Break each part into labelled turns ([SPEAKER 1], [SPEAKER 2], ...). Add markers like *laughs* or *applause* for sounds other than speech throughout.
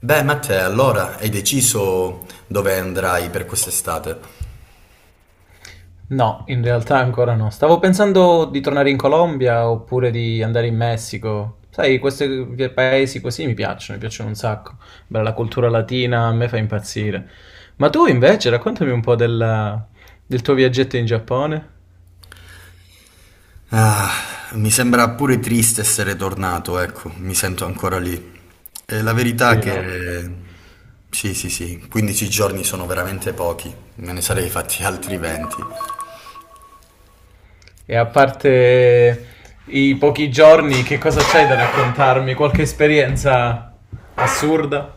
[SPEAKER 1] Beh, Matteo, allora hai deciso dove andrai per quest'estate?
[SPEAKER 2] No, in realtà ancora no. Stavo pensando di tornare in Colombia oppure di andare in Messico. Sai, questi paesi così mi piacciono un sacco. Bella la cultura latina, a me fa impazzire. Ma tu invece, raccontami un po' del tuo viaggetto in Giappone.
[SPEAKER 1] Ah, mi sembra pure triste essere tornato, ecco, mi sento ancora lì. E la verità
[SPEAKER 2] Sì, no?
[SPEAKER 1] che... Sì, sì, sì, 15 giorni sono veramente pochi, me ne sarei fatti altri 20.
[SPEAKER 2] E a parte i pochi giorni, che cosa c'hai da raccontarmi? Qualche esperienza assurda?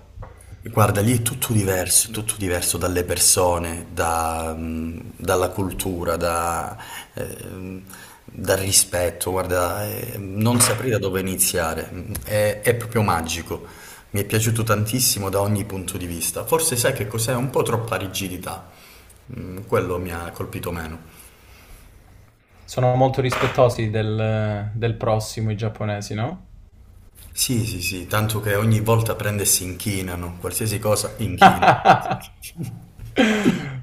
[SPEAKER 1] Guarda, lì è tutto diverso dalle persone, da, dalla cultura, da, ehm, dal rispetto. Guarda, non saprei da dove iniziare. È proprio magico. Mi è piaciuto tantissimo da ogni punto di vista. Forse sai che cos'è? Un po' troppa rigidità. Quello mi ha colpito meno.
[SPEAKER 2] Sono molto rispettosi del prossimo, i giapponesi, no?
[SPEAKER 1] Sì, sì, sì, tanto che ogni volta prende e si inchinano, qualsiasi cosa inchino.
[SPEAKER 2] *laughs*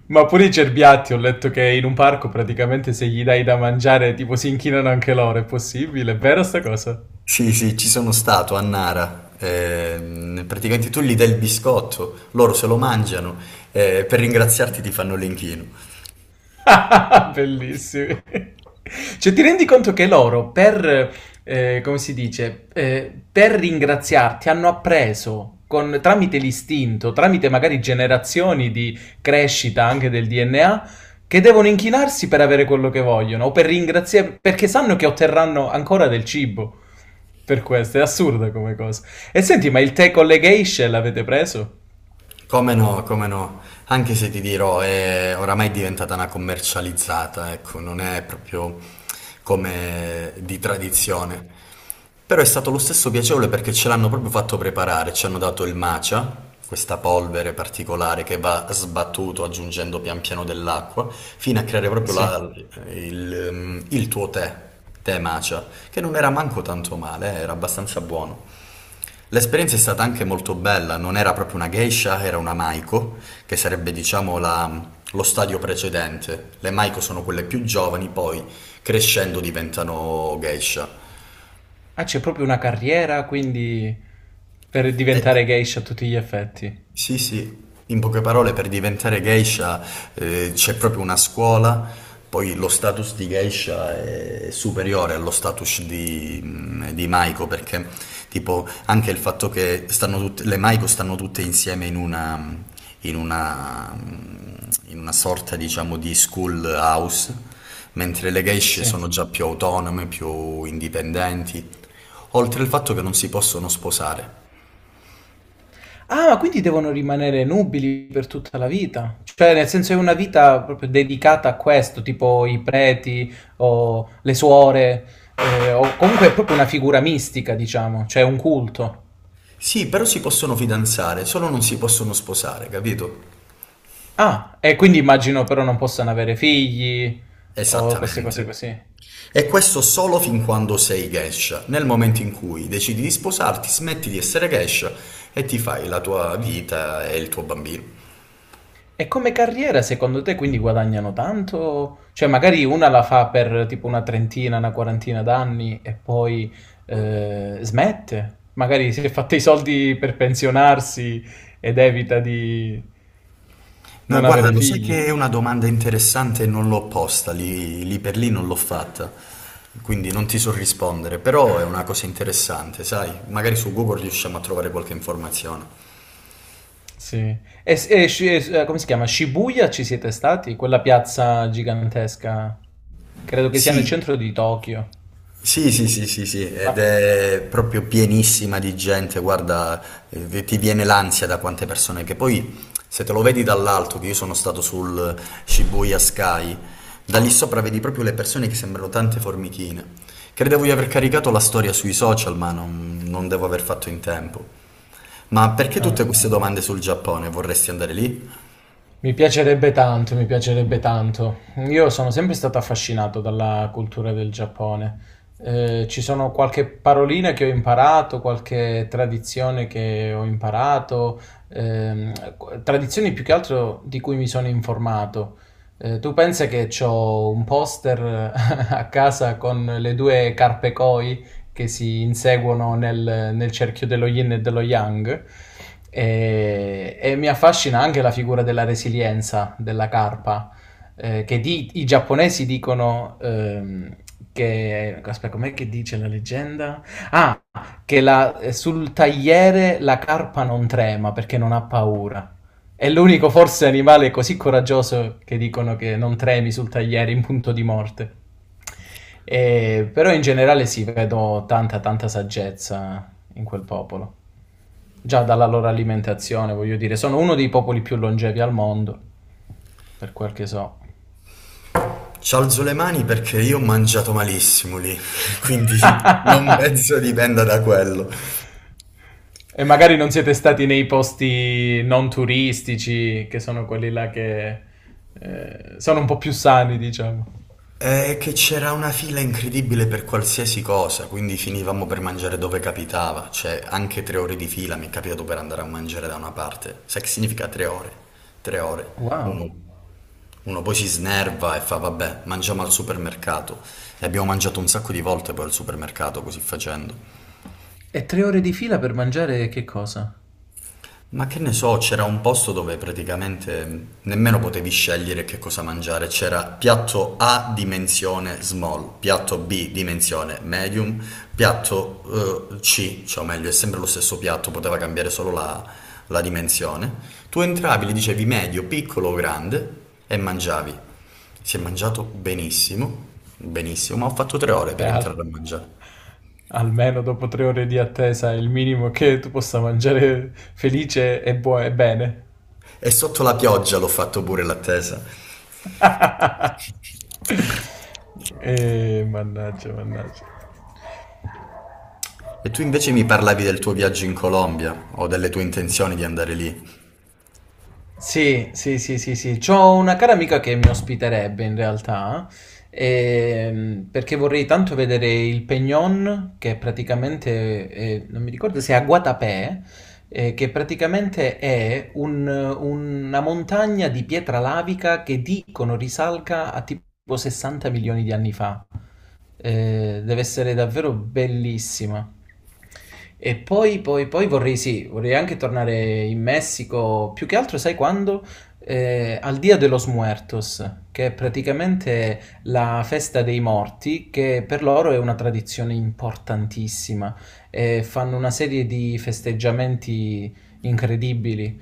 [SPEAKER 2] Ma pure i cerbiatti, ho letto che in un parco praticamente se gli dai da mangiare tipo si inchinano anche loro, è possibile? È vera sta cosa?
[SPEAKER 1] Sì, sì, ci sono stato a Nara. Praticamente tu gli dai il biscotto, loro se lo mangiano e per ringraziarti ti fanno l'inchino.
[SPEAKER 2] *laughs* Bellissimi. Cioè, ti rendi conto che loro per, come si dice, per ringraziarti hanno appreso tramite l'istinto, tramite magari generazioni di crescita anche del DNA, che devono inchinarsi per avere quello che vogliono o per ringraziare, perché sanno che otterranno ancora del cibo per questo. È assurda come cosa. E senti, ma il tè con le geishe l'avete preso?
[SPEAKER 1] Come no, come no, anche se ti dirò, è oramai è diventata una commercializzata, ecco, non è proprio come di tradizione. Però è stato lo stesso piacevole perché ce l'hanno proprio fatto preparare, ci hanno dato il matcha, questa polvere particolare che va sbattuto aggiungendo pian piano dell'acqua, fino a creare proprio
[SPEAKER 2] Sì.
[SPEAKER 1] la- il tuo tè, tè matcha, che non era manco tanto male, era abbastanza buono. L'esperienza è stata anche molto bella, non era proprio una geisha, era una maiko, che sarebbe diciamo la- lo stadio precedente. Le maiko sono quelle più giovani, poi crescendo diventano geisha.
[SPEAKER 2] Ah, c'è proprio una carriera, quindi per
[SPEAKER 1] Eh,
[SPEAKER 2] diventare geisha a tutti gli effetti.
[SPEAKER 1] Sì, sì, in poche parole per diventare geisha c'è proprio una scuola, poi lo status di geisha è superiore allo status di maiko perché tipo anche il fatto che stanno tutte, le maiko stanno tutte insieme in una, in una sorta diciamo di school house, mentre le geishe
[SPEAKER 2] Sì.
[SPEAKER 1] sono già più autonome, più indipendenti, oltre al fatto che non si possono sposare.
[SPEAKER 2] Ah, ma quindi devono rimanere nubili per tutta la vita? Cioè, nel senso è una vita proprio dedicata a questo, tipo i preti o le suore, o comunque è proprio una figura mistica, diciamo, cioè un culto.
[SPEAKER 1] Sì, però si possono fidanzare, solo non si possono sposare, capito?
[SPEAKER 2] Ah, e quindi immagino però non possano avere figli o queste cose
[SPEAKER 1] Esattamente.
[SPEAKER 2] così.
[SPEAKER 1] E questo solo fin quando sei geisha. Nel momento in cui decidi di sposarti, smetti di essere geisha e ti fai la tua vita e il tuo bambino.
[SPEAKER 2] E come carriera secondo te quindi guadagnano tanto? Cioè magari una la fa per tipo una trentina, una quarantina d'anni e poi smette, magari si è fatta i soldi per pensionarsi ed evita di
[SPEAKER 1] Ma
[SPEAKER 2] non
[SPEAKER 1] guarda,
[SPEAKER 2] avere
[SPEAKER 1] lo sai
[SPEAKER 2] figli.
[SPEAKER 1] che è una domanda interessante e non l'ho posta, lì, lì per lì non l'ho fatta, quindi non ti so rispondere, però è una cosa interessante, sai? Magari su Google riusciamo a trovare qualche informazione.
[SPEAKER 2] Sì. Come si chiama? Shibuya ci siete stati? Quella piazza gigantesca, credo che sia nel
[SPEAKER 1] Sì,
[SPEAKER 2] centro di Tokyo.
[SPEAKER 1] sì, sì, sì, sì, sì, ed
[SPEAKER 2] Ma...
[SPEAKER 1] è proprio pienissima di gente, guarda, ti viene l'ansia da quante persone, che poi se te lo vedi dall'alto, che io sono stato sul Shibuya Sky, da lì sopra vedi proprio le persone che sembrano tante formichine. Credevo di aver caricato la storia sui social, ma non devo aver fatto in tempo. Ma perché tutte
[SPEAKER 2] ah,
[SPEAKER 1] queste
[SPEAKER 2] ah, ah.
[SPEAKER 1] domande sul Giappone? Vorresti andare lì?
[SPEAKER 2] Mi piacerebbe tanto, mi piacerebbe tanto. Io sono sempre stato affascinato dalla cultura del Giappone. Ci sono qualche parolina che ho imparato, qualche tradizione che ho imparato, ehm, tradizioni più che altro di cui mi sono informato. Tu pensa che ho un poster *laughs* a casa con le due carpe Koi, che si inseguono nel cerchio dello yin e dello yang. E mi affascina anche la figura della resilienza della carpa, che i giapponesi dicono che... Aspetta, com'è che dice la leggenda? Ah, che sul tagliere la carpa non trema perché non ha paura. È l'unico forse animale così coraggioso che dicono che non tremi sul tagliere in punto di morte. Però in generale sì, vedo tanta tanta saggezza in quel popolo. Già dalla loro alimentazione, voglio dire, sono uno dei popoli più longevi al mondo, per quel che so.
[SPEAKER 1] Ci alzo le mani perché io ho mangiato malissimo lì, *laughs* quindi non penso
[SPEAKER 2] *laughs*
[SPEAKER 1] dipenda da quello.
[SPEAKER 2] E magari non siete stati nei posti non turistici, che sono quelli là che sono un po' più sani, diciamo.
[SPEAKER 1] È che c'era una fila incredibile per qualsiasi cosa, quindi finivamo per mangiare dove capitava, cioè anche tre ore di fila mi è capitato per andare a mangiare da una parte. Sai che significa 3 ore? 3 ore. Uno,
[SPEAKER 2] Wow.
[SPEAKER 1] uno poi si snerva e fa vabbè, mangiamo al supermercato. E abbiamo mangiato un sacco di volte poi al supermercato così facendo.
[SPEAKER 2] E 3 ore di fila per mangiare che cosa?
[SPEAKER 1] Ma che ne so, c'era un posto dove praticamente nemmeno potevi scegliere che cosa mangiare, c'era piatto A dimensione small, piatto B dimensione medium, piatto C, cioè o meglio è sempre lo stesso piatto, poteva cambiare solo la, la dimensione. Tu entravi, gli dicevi medio, piccolo o grande e mangiavi. Si è mangiato benissimo, benissimo, ma ho fatto 3 ore per
[SPEAKER 2] Beh,
[SPEAKER 1] entrare a mangiare.
[SPEAKER 2] almeno dopo 3 ore di attesa è il minimo che tu possa mangiare felice e bene.
[SPEAKER 1] E sotto la pioggia l'ho fatto pure l'attesa.
[SPEAKER 2] *laughs* Mannaggia, mannaggia.
[SPEAKER 1] E tu invece mi parlavi del tuo viaggio in Colombia o delle tue intenzioni di andare lì.
[SPEAKER 2] Sì, sì, sì, sì, sì. C'ho una cara amica che mi ospiterebbe in realtà, perché vorrei tanto vedere il Peñón, che praticamente, non mi ricordo se è a Guatapé, che praticamente è una montagna di pietra lavica che dicono risalga a tipo 60 milioni di anni fa. Deve essere davvero bellissima. E poi vorrei, sì, vorrei anche tornare in Messico, più che altro, sai quando? Al Dia de los Muertos, che è praticamente la festa dei morti, che per loro è una tradizione importantissima. Fanno una serie di festeggiamenti incredibili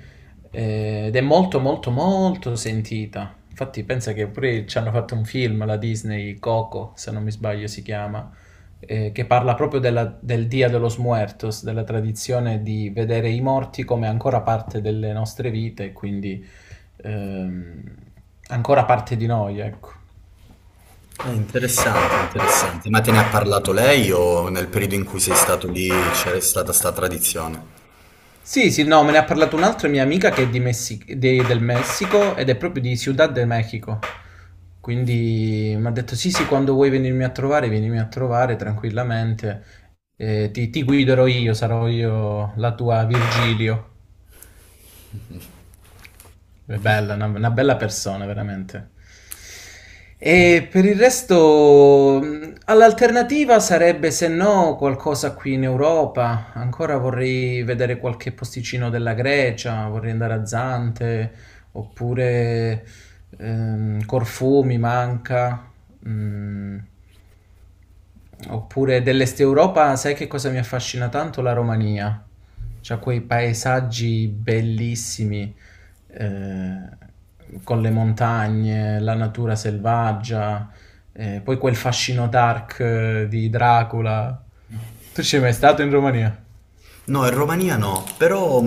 [SPEAKER 2] ed è molto, molto, molto sentita. Infatti, pensa che pure ci hanno fatto un film, la Disney, Coco, se non mi sbaglio si chiama, che parla proprio del Dia de los Muertos, della tradizione di vedere i morti come ancora parte delle nostre vite, quindi ehm, ancora parte di noi, ecco.
[SPEAKER 1] È interessante, interessante. Ma te ne ha parlato lei o nel periodo in cui sei stato lì c'era stata sta tradizione?
[SPEAKER 2] Sì, sì, no, me ne ha parlato un'altra mia amica che è del Messico ed è proprio di Ciudad de México. Quindi mi ha detto: Sì, sì, quando vuoi venirmi a trovare, vienimi a trovare tranquillamente. Ti guiderò io, sarò io la tua Virgilio. È bella, una bella persona, veramente. E per il resto, all'alternativa sarebbe se no qualcosa qui in Europa. Ancora vorrei vedere qualche posticino della Grecia, vorrei andare a Zante, oppure Corfù mi manca. Mm. Oppure dell'Est Europa, sai che cosa mi affascina tanto? La Romania. C'ha quei paesaggi bellissimi, eh, con le montagne, la natura selvaggia, poi quel fascino dark di Dracula. Tu ci sei mai stato in Romania?
[SPEAKER 1] No, in Romania no, però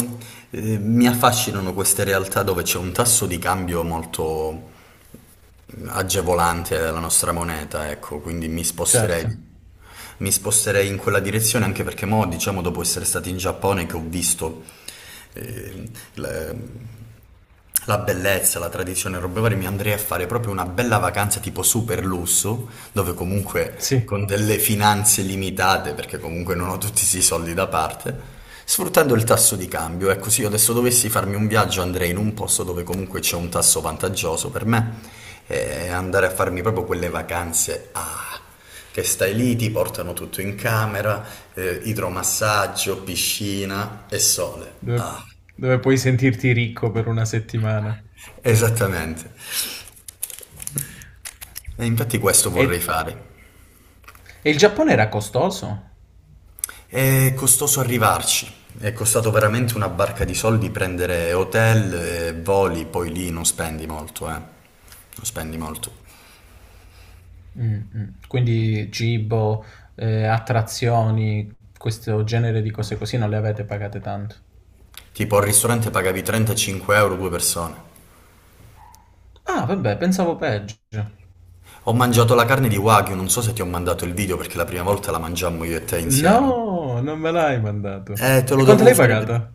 [SPEAKER 1] mi affascinano queste realtà dove c'è un tasso di cambio molto, agevolante della nostra moneta, ecco, quindi mi
[SPEAKER 2] Certo,
[SPEAKER 1] sposterei. Mi sposterei in quella direzione anche perché mo, diciamo, dopo essere stati in Giappone che ho visto eh, la, la bellezza, la tradizione, e robe varie, mi andrei a fare proprio una bella vacanza tipo super lusso, dove comunque
[SPEAKER 2] sì,
[SPEAKER 1] con delle finanze limitate, perché comunque non ho tutti questi soldi da parte. Sfruttando il tasso di cambio, ecco, se io adesso dovessi farmi un viaggio andrei in un posto dove comunque c'è un tasso vantaggioso per me e andare a farmi proprio quelle vacanze che stai lì, ti portano tutto in camera, idromassaggio, piscina e sole.
[SPEAKER 2] dove,
[SPEAKER 1] Ah,
[SPEAKER 2] dove puoi sentirti ricco per una settimana.
[SPEAKER 1] esattamente. E infatti questo
[SPEAKER 2] E,
[SPEAKER 1] vorrei fare.
[SPEAKER 2] e il Giappone era costoso?
[SPEAKER 1] È costoso arrivarci. È costato veramente una barca di soldi prendere hotel e voli, poi lì non spendi molto, eh. Non spendi molto.
[SPEAKER 2] Mh-mh. Quindi cibo, attrazioni, questo genere di cose così non le avete pagate tanto.
[SPEAKER 1] Tipo al ristorante pagavi 35 euro due persone.
[SPEAKER 2] Ah vabbè, pensavo peggio.
[SPEAKER 1] Ho mangiato la carne di Wagyu, non so se ti ho mandato il video perché la prima volta la mangiammo io e te
[SPEAKER 2] No,
[SPEAKER 1] insieme.
[SPEAKER 2] non me l'hai mandato.
[SPEAKER 1] Te
[SPEAKER 2] E
[SPEAKER 1] lo
[SPEAKER 2] quanto
[SPEAKER 1] dovevo
[SPEAKER 2] l'hai
[SPEAKER 1] fare vedere.
[SPEAKER 2] pagata?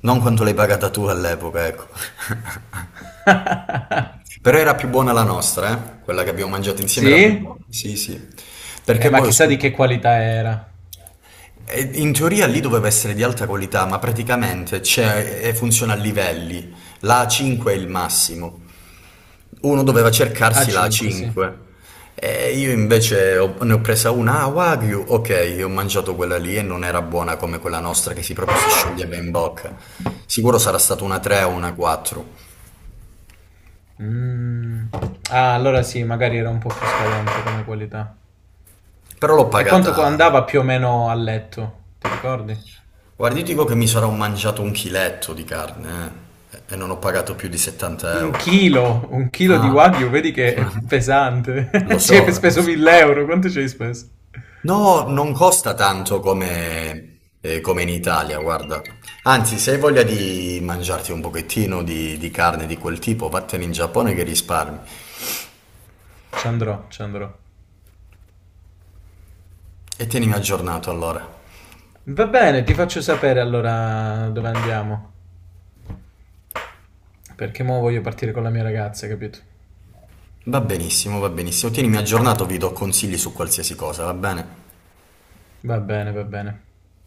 [SPEAKER 1] Non quanto l'hai pagata tu all'epoca, ecco. *laughs* Però era più buona la nostra, eh? Quella che abbiamo mangiato insieme era più
[SPEAKER 2] Sì?
[SPEAKER 1] buona. Sì, sì. Perché
[SPEAKER 2] Ma
[SPEAKER 1] poi ho
[SPEAKER 2] chissà di
[SPEAKER 1] scoperto...
[SPEAKER 2] che qualità era.
[SPEAKER 1] E in teoria lì doveva essere di alta qualità, ma praticamente c'è, e funziona a livelli. La A5 è il massimo. Uno doveva cercarsi la
[SPEAKER 2] A5, sì.
[SPEAKER 1] 5 e io invece ho- ne ho presa una, ah, Wagyu, ok, ho mangiato quella lì e non era buona come quella nostra che si proprio si scioglieva in bocca. Sicuro sarà stata una 3 o una 4,
[SPEAKER 2] Mh. Ah, allora sì, magari era un po' più scadente come qualità.
[SPEAKER 1] però l'ho
[SPEAKER 2] E quanto co
[SPEAKER 1] pagata...
[SPEAKER 2] andava più o meno a letto? Ti ricordi?
[SPEAKER 1] Guardi, io dico che mi sarò mangiato un chiletto di carne e non ho pagato più di 70
[SPEAKER 2] Un
[SPEAKER 1] euro.
[SPEAKER 2] chilo, un chilo di
[SPEAKER 1] Ah,
[SPEAKER 2] Wagyu, vedi che è
[SPEAKER 1] *laughs*
[SPEAKER 2] pesante.
[SPEAKER 1] lo
[SPEAKER 2] *laughs* Ci hai
[SPEAKER 1] so, lo
[SPEAKER 2] speso
[SPEAKER 1] so.
[SPEAKER 2] 1.000 euro, quanto ci hai speso?
[SPEAKER 1] No, non costa tanto come, come in Italia, guarda. Anzi, se hai voglia di mangiarti un pochettino di carne di quel tipo, vattene in Giappone che risparmi.
[SPEAKER 2] Ci andrò, ci andrò.
[SPEAKER 1] E tienimi aggiornato allora.
[SPEAKER 2] Va bene, ti faccio sapere allora dove andiamo. Perché mo voglio partire con la mia ragazza, capito?
[SPEAKER 1] Va benissimo, va benissimo. Tienimi aggiornato, vi do consigli su qualsiasi cosa, va bene?
[SPEAKER 2] Va bene, va bene.